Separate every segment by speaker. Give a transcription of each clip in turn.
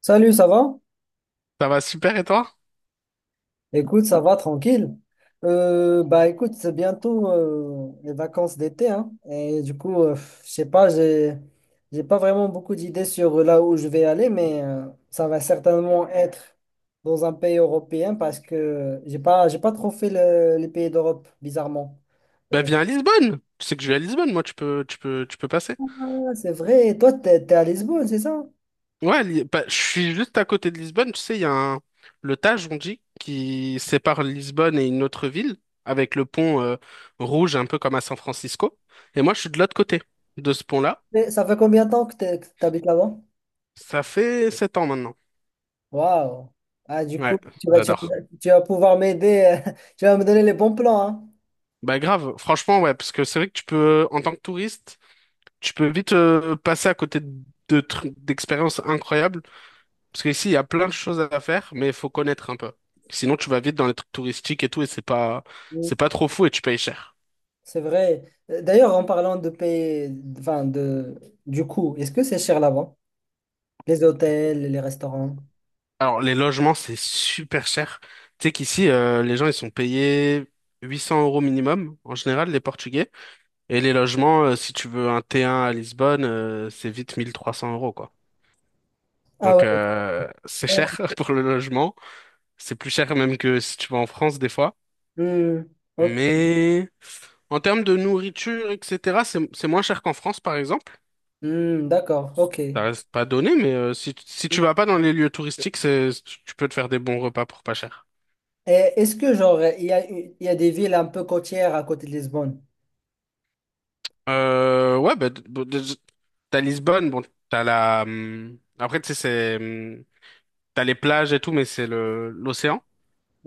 Speaker 1: Salut, ça va?
Speaker 2: Ça va super et toi?
Speaker 1: Écoute, ça va, tranquille. Bah écoute, c'est bientôt les vacances d'été, hein, et du coup, je sais pas, j'ai pas vraiment beaucoup d'idées sur là où je vais aller, mais ça va certainement être dans un pays européen parce que j'ai pas trop fait les pays d'Europe, bizarrement.
Speaker 2: Bah viens à Lisbonne. Tu sais que je vais à Lisbonne, moi tu peux passer.
Speaker 1: Ah, c'est vrai, toi, t'es à Lisbonne, c'est ça?
Speaker 2: Ouais, bah, je suis juste à côté de Lisbonne, tu sais, il y a un le Tage on dit qui sépare Lisbonne et une autre ville avec le pont rouge un peu comme à San Francisco et moi je suis de l'autre côté de ce pont-là.
Speaker 1: Mais ça fait combien de temps que que t'habites là-bas?
Speaker 2: Ça fait 7 ans maintenant.
Speaker 1: Waouh! Ah, du coup,
Speaker 2: Ouais, j'adore.
Speaker 1: tu vas pouvoir m'aider, tu vas me donner les bons plans, hein?
Speaker 2: Bah grave, franchement ouais parce que c'est vrai que tu peux en tant que touriste, tu peux vite passer à côté de trucs d'expériences incroyables. Parce qu'ici, il y a plein de choses à faire, mais il faut connaître un peu. Sinon, tu vas vite dans les trucs touristiques et tout, et c'est pas
Speaker 1: Oui.
Speaker 2: trop fou et tu payes cher.
Speaker 1: C'est vrai. D'ailleurs, en parlant de payer, enfin de, du coût, est-ce que c'est cher là-bas? Les hôtels, les restaurants?
Speaker 2: Alors, les logements, c'est super cher. Tu sais qu'ici, les gens, ils sont payés 800 euros minimum, en général, les Portugais. Et les logements, si tu veux un T1 à Lisbonne, c'est vite 1 300 euros, quoi.
Speaker 1: Ah
Speaker 2: Donc,
Speaker 1: ouais. C'est
Speaker 2: c'est
Speaker 1: cher.
Speaker 2: cher pour le logement. C'est plus cher même que si tu vas en France, des fois.
Speaker 1: Hmm, ok.
Speaker 2: Mais en termes de nourriture, etc., c'est moins cher qu'en France, par exemple.
Speaker 1: D'accord, ok.
Speaker 2: Ça
Speaker 1: Et
Speaker 2: reste pas donné, mais si tu vas pas dans les lieux touristiques, tu peux te faire des bons repas pour pas cher.
Speaker 1: est-ce que genre il y a des villes un peu côtières à côté de Lisbonne?
Speaker 2: Ouais, bah, bon, déjà, t'as Lisbonne, bon, t'as la. Après, tu sais, c'est. T'as les plages et tout, mais c'est le l'océan.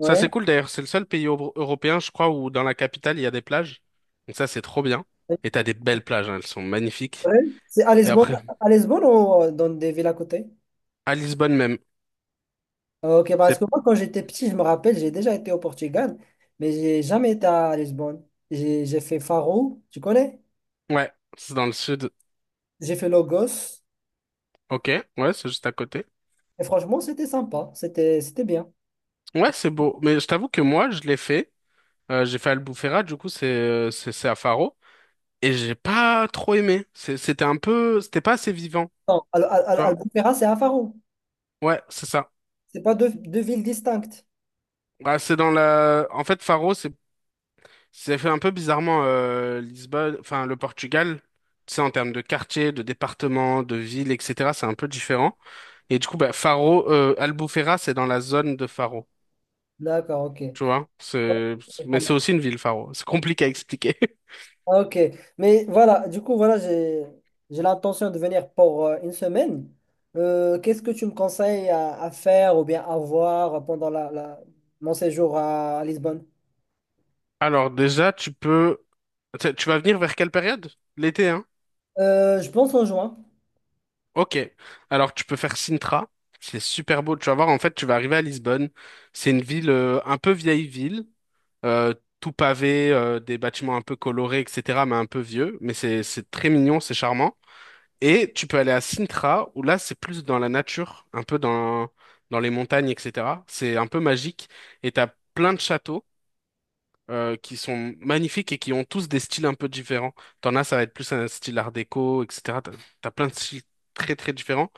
Speaker 2: Ça, c'est cool d'ailleurs. C'est le seul pays européen, je crois, où dans la capitale, il y a des plages. Donc, ça, c'est trop bien. Et t'as des belles plages, hein, elles sont magnifiques.
Speaker 1: Ouais. C'est à
Speaker 2: Et
Speaker 1: Lisbonne,
Speaker 2: après,
Speaker 1: à Lisbonne ou dans des villes à côté?
Speaker 2: à Lisbonne même.
Speaker 1: Ok, bah, parce
Speaker 2: C'est.
Speaker 1: que moi quand j'étais petit, je me rappelle, j'ai déjà été au Portugal, mais j'ai jamais été à Lisbonne. J'ai fait Faro, tu connais?
Speaker 2: Ouais, c'est dans le sud.
Speaker 1: J'ai fait Lagos.
Speaker 2: Ok, ouais, c'est juste à côté.
Speaker 1: Et franchement, c'était sympa, c'était bien.
Speaker 2: Ouais, c'est beau. Mais je t'avoue que moi, je l'ai fait. J'ai fait Albufeira, du coup, c'est c'est à Faro. Et j'ai pas trop aimé. C'était un peu. C'était pas assez vivant,
Speaker 1: Non,
Speaker 2: tu vois?
Speaker 1: Albufeira, c'est à Faro.
Speaker 2: Ouais, c'est ça.
Speaker 1: C'est pas deux villes distinctes.
Speaker 2: Bah, c'est dans la. En fait, Faro, c'est fait un peu bizarrement Lisbonne. Enfin, le Portugal, tu sais, en termes de quartier, de département, de ville, etc., c'est un peu différent. Et du coup, bah, Faro. Albufeira, c'est dans la zone de Faro.
Speaker 1: D'accord, ok. Ouais,
Speaker 2: Tu vois,
Speaker 1: c'est pas
Speaker 2: mais
Speaker 1: mal.
Speaker 2: c'est aussi une ville, Faro. C'est compliqué à expliquer.
Speaker 1: Ok, mais voilà, du coup, voilà, j'ai l'intention de venir pour une semaine. Qu'est-ce que tu me conseilles à faire ou bien à voir pendant mon séjour à Lisbonne?
Speaker 2: Alors, déjà, tu peux, tu tu vas venir vers quelle période? L'été, hein?
Speaker 1: Je pense en juin.
Speaker 2: Ok. Alors, tu peux faire Sintra. C'est super beau. Tu vas voir, en fait, tu vas arriver à Lisbonne. C'est une ville, un peu vieille ville, euh, tout pavé, des bâtiments un peu colorés, etc., mais un peu vieux. Mais c'est très mignon, c'est charmant. Et tu peux aller à Sintra, où là, c'est plus dans la nature, un peu dans les montagnes, etc. C'est un peu magique. Et t'as plein de châteaux qui sont magnifiques et qui ont tous des styles un peu différents. T'en as, ça va être plus un style art déco, etc. T'as plein de styles très très différents.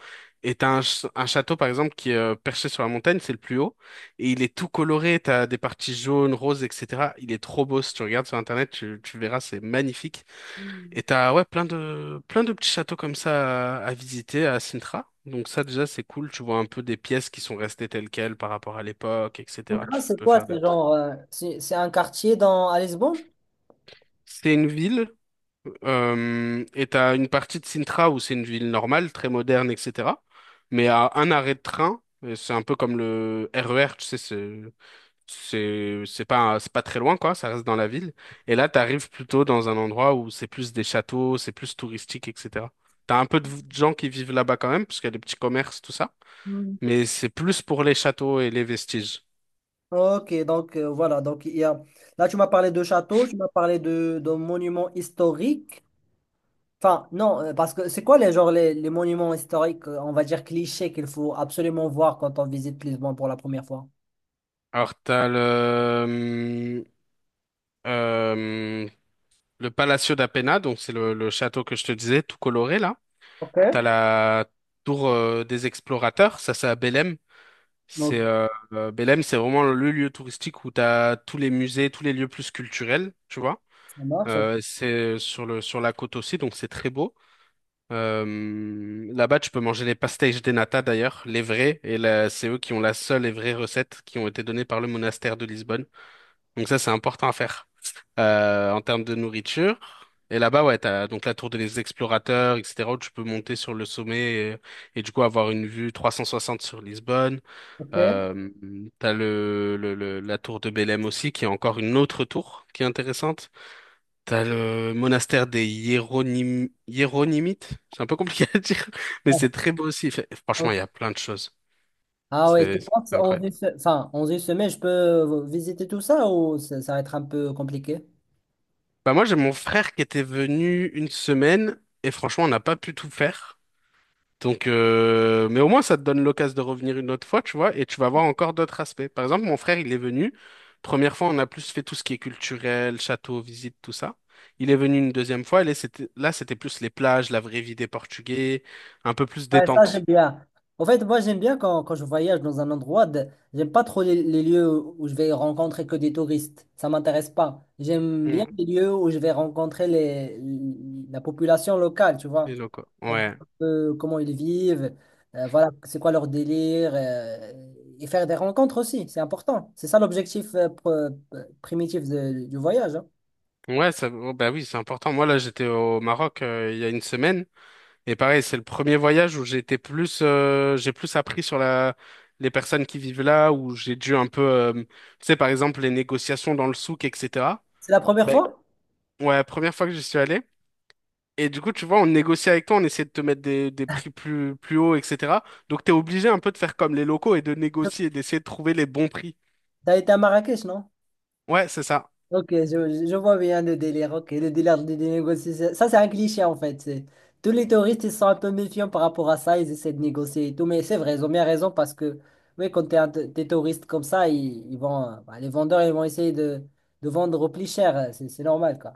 Speaker 2: Et t'as un château, par exemple, qui est perché sur la montagne, c'est le plus haut, et il est tout coloré, t'as des parties jaunes, roses, etc. Il est trop beau, si tu regardes sur Internet, tu verras, c'est magnifique. Et t'as ouais, plein de petits châteaux comme ça à visiter à Sintra. Donc ça, déjà, c'est cool, tu vois un peu des pièces qui sont restées telles quelles par rapport à l'époque,
Speaker 1: Donc,
Speaker 2: etc.
Speaker 1: là,
Speaker 2: Tu
Speaker 1: c'est
Speaker 2: peux
Speaker 1: quoi?
Speaker 2: faire des
Speaker 1: C'est
Speaker 2: trucs.
Speaker 1: genre, c'est un quartier dans, à Lisbonne?
Speaker 2: C'est une ville. Et t'as une partie de Sintra où c'est une ville normale, très moderne, etc. Mais à un arrêt de train, et c'est un peu comme le RER, tu sais, c'est pas très loin quoi, ça reste dans la ville. Et là, t'arrives plutôt dans un endroit où c'est plus des châteaux, c'est plus touristique, etc. T'as un peu de gens qui vivent là-bas quand même, parce qu'il y a des petits commerces, tout ça. Mais c'est plus pour les châteaux et les vestiges.
Speaker 1: Ok, donc voilà, donc il y a… Là, tu m'as parlé de châteaux, tu m'as parlé de monuments historiques. Enfin, non, parce que c'est quoi les genre les monuments historiques, on va dire clichés qu'il faut absolument voir quand on visite Lisbonne pour la première fois?
Speaker 2: Alors t'as euh, Le Palacio d'Apena, donc c'est le château que je te disais, tout coloré là.
Speaker 1: OK.
Speaker 2: T'as la tour des explorateurs, ça c'est à Belém. C'est
Speaker 1: Donc,
Speaker 2: Belém, c'est vraiment le lieu touristique où t'as tous les musées, tous les lieux plus culturels, tu vois.
Speaker 1: ça marche,
Speaker 2: C'est sur le sur la côte aussi, donc c'est très beau. Là-bas, tu peux manger les pastéis de nata d'ailleurs, les vrais, et c'est eux qui ont la seule et vraie recette qui ont été donnée par le monastère de Lisbonne. Donc ça, c'est important à faire en termes de nourriture. Et là-bas, ouais, t'as donc la tour des explorateurs, etc., où tu peux monter sur le sommet et du coup avoir une vue 360 sur Lisbonne.
Speaker 1: ok.
Speaker 2: Euh, t'as la tour de Belém aussi, qui est encore une autre tour qui est intéressante. T'as le monastère des Hiéronymites. C'est un peu compliqué à dire, mais
Speaker 1: Ah
Speaker 2: c'est très beau aussi. Franchement, il y a plein de choses.
Speaker 1: ah ouais, tu
Speaker 2: C'est
Speaker 1: penses en
Speaker 2: incroyable.
Speaker 1: enfin, en une semaine, je peux visiter tout ça ou ça va être un peu compliqué?
Speaker 2: Bah moi j'ai mon frère qui était venu une semaine et franchement on n'a pas pu tout faire. Donc mais au moins ça te donne l'occasion de revenir une autre fois, tu vois, et tu vas voir encore d'autres aspects. Par exemple, mon frère, il est venu. Première fois, on a plus fait tout ce qui est culturel, château, visite, tout ça. Il est venu une deuxième fois, et là c'était plus les plages, la vraie vie des Portugais, un peu plus
Speaker 1: Ouais, ça,
Speaker 2: détente.
Speaker 1: j'aime bien. En fait, moi, j'aime bien quand, je voyage dans un endroit, j'aime pas trop les lieux où je vais rencontrer que des touristes. Ça m'intéresse pas. J'aime bien
Speaker 2: Mmh,
Speaker 1: les lieux où je vais rencontrer la population locale, tu
Speaker 2: les
Speaker 1: vois.
Speaker 2: locaux.
Speaker 1: On voit
Speaker 2: Ouais.
Speaker 1: un peu comment ils vivent, voilà, c'est quoi leur délire, et faire des rencontres aussi, c'est important. C'est ça l'objectif primitif du voyage, hein.
Speaker 2: Ouais, ça, oh, bah oui, c'est important. Moi là, j'étais au Maroc il y a une semaine. Et pareil, c'est le premier voyage où j'ai été plus, j'ai plus appris sur les personnes qui vivent là, où j'ai dû un peu, tu sais, par exemple, les négociations dans le souk, etc.
Speaker 1: C'est la première
Speaker 2: Ben,
Speaker 1: fois?
Speaker 2: ouais, première fois que j'y suis allé. Et du coup, tu vois, on négocie avec toi, on essaie de te mettre des prix plus hauts, etc. Donc, t'es obligé un peu de faire comme les locaux et de négocier, d'essayer de trouver les bons prix.
Speaker 1: T'as été à Marrakech, non?
Speaker 2: Ouais, c'est ça.
Speaker 1: Ok, je vois bien le délire. Ok, le délire des négociations. Ça, c'est un cliché en fait. Tous les touristes, ils sont un peu méfiants par rapport à ça. Ils essaient de négocier et tout. Mais c'est vrai, ils ont bien raison parce que, oui, quand des touristes comme ça, ils vont, bah, les vendeurs, ils vont essayer de vendre au plus cher. C'est normal, quoi.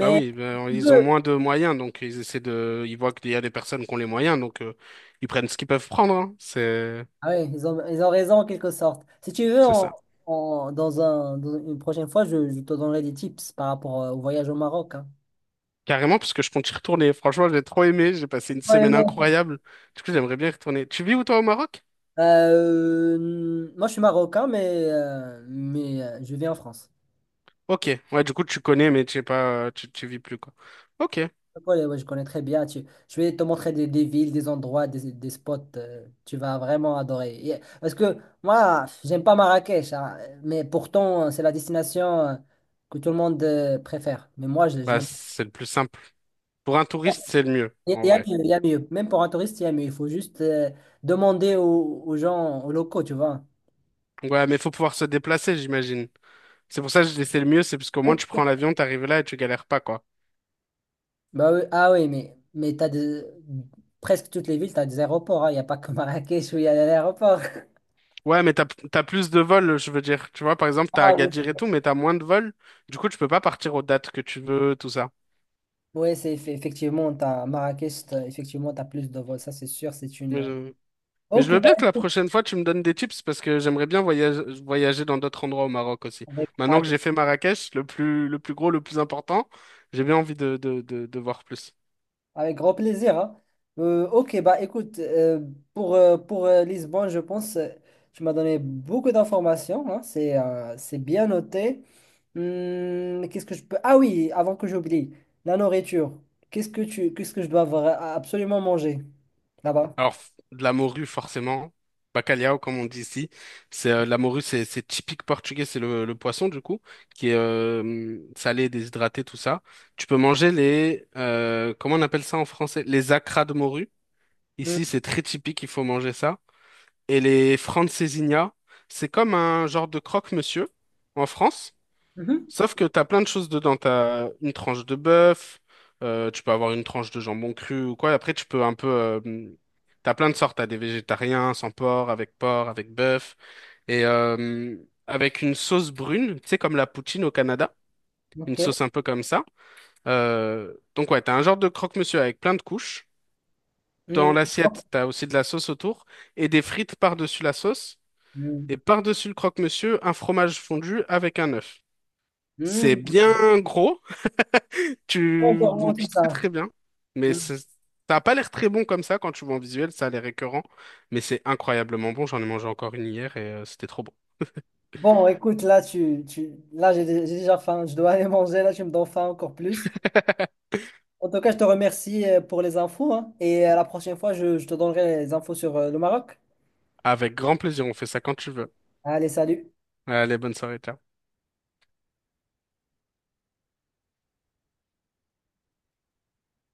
Speaker 2: Bah oui,
Speaker 1: si
Speaker 2: ben,
Speaker 1: tu
Speaker 2: ils ont
Speaker 1: veux,
Speaker 2: moins de moyens, donc ils essaient ils voient qu'il y a des personnes qui ont les moyens, donc ils prennent ce qu'ils peuvent prendre, hein. C'est,
Speaker 1: ah ouais, ils ont raison en quelque sorte. Si tu veux,
Speaker 2: c'est ça.
Speaker 1: dans dans une prochaine fois, je te donnerai des tips par rapport au voyage au Maroc, hein.
Speaker 2: Carrément, parce que je compte y retourner. Franchement, j'ai trop aimé. J'ai passé une
Speaker 1: Ouais.
Speaker 2: semaine incroyable. Du coup, j'aimerais bien y retourner. Tu vis où, toi, au Maroc?
Speaker 1: Euh, moi, je suis marocain, mais, je vis en France.
Speaker 2: Ok. Ouais, du coup, tu connais, mais tu sais pas, tu vis plus, quoi. Ok.
Speaker 1: Ouais, ouais, je connais très bien. Je vais te montrer des villes, des endroits, des spots, tu vas vraiment adorer. Parce que moi, j'aime pas Marrakech, hein, mais pourtant, c'est la destination que tout le monde préfère. Mais moi, je
Speaker 2: Bah,
Speaker 1: l'aime pas.
Speaker 2: c'est le plus simple. Pour un touriste, c'est le mieux,
Speaker 1: Il
Speaker 2: en
Speaker 1: y a
Speaker 2: vrai.
Speaker 1: mieux, il y a mieux. Même pour un touriste, il y a mieux. Il faut juste demander aux gens, aux locaux, tu vois.
Speaker 2: Ouais, mais faut pouvoir se déplacer, j'imagine. C'est pour ça que je dis c'est le mieux, c'est parce qu'au moins, tu prends l'avion, t'arrives là et tu galères pas, quoi.
Speaker 1: Bah oui, ah oui, mais presque toutes les villes, tu as des aéroports. Il n'y a pas que Marrakech où il y a l'aéroport.
Speaker 2: Ouais, mais t'as plus de vols, je veux dire. Tu vois, par exemple, t'as
Speaker 1: Ah oui, c'est
Speaker 2: Agadir et tout, mais t'as moins de vols. Du coup, tu peux pas partir aux dates que tu veux, tout ça.
Speaker 1: ouais, effectivement, t'as Marrakech, effectivement, tu as plus de vols, ça c'est sûr, c'est une…
Speaker 2: Mais je
Speaker 1: Ok,
Speaker 2: veux
Speaker 1: bah,
Speaker 2: bien que la prochaine fois, tu me donnes des tips parce que j'aimerais bien voyager dans d'autres endroits au Maroc aussi.
Speaker 1: avec,
Speaker 2: Maintenant que
Speaker 1: avec
Speaker 2: j'ai fait Marrakech, le plus gros, le plus important, j'ai bien envie de voir plus.
Speaker 1: avec grand plaisir, hein. Ok, bah écoute, pour Lisbonne, je pense, tu m'as donné beaucoup d'informations, hein. C'est bien noté. Qu'est-ce que je peux… Ah oui, avant que j'oublie, la nourriture. Qu'est-ce que je dois absolument manger là-bas?
Speaker 2: Alors, de la morue, forcément. Bacalhau, comme on dit ici. La morue, c'est typique portugais. C'est le poisson, du coup, qui est salé, déshydraté, tout ça. Tu peux manger comment on appelle ça en français? Les acras de morue.
Speaker 1: Hum.
Speaker 2: Ici, c'est très typique, il faut manger ça. Et les francesinha, c'est comme un genre de croque-monsieur en France,
Speaker 1: Mhm.
Speaker 2: sauf que t'as plein de choses dedans. T'as une tranche de bœuf, tu peux avoir une tranche de jambon cru ou quoi. Après, tu peux un peu... t'as plein de sortes. T'as des végétariens, sans porc, avec porc, avec bœuf. Et avec une sauce brune, tu sais, comme la poutine au Canada. Une
Speaker 1: Ok.
Speaker 2: sauce un peu comme ça. Donc ouais, t'as un genre de croque-monsieur avec plein de couches. Dans
Speaker 1: Hum, ok.
Speaker 2: l'assiette, t'as aussi de la sauce autour et des frites par-dessus la sauce. Et
Speaker 1: Hum.
Speaker 2: par-dessus le croque-monsieur, un fromage fondu avec un œuf. C'est
Speaker 1: Hum,
Speaker 2: bien gros,
Speaker 1: très
Speaker 2: tu
Speaker 1: gourmand, tout
Speaker 2: manges très
Speaker 1: ça.
Speaker 2: très bien, mais
Speaker 1: Hum.
Speaker 2: ça n'a pas l'air très bon comme ça quand tu vois en visuel, ça a l'air écœurant, mais c'est incroyablement bon, j'en ai mangé encore une hier et c'était trop bon.
Speaker 1: Bon, écoute, là, là j'ai déjà faim. Je dois aller manger. Là, tu me donnes faim encore plus. En tout cas, je te remercie pour les infos, hein, et à la prochaine fois, je te donnerai les infos sur le Maroc.
Speaker 2: Avec grand plaisir, on fait ça quand tu veux.
Speaker 1: Allez, salut.
Speaker 2: Allez, bonne soirée, ciao.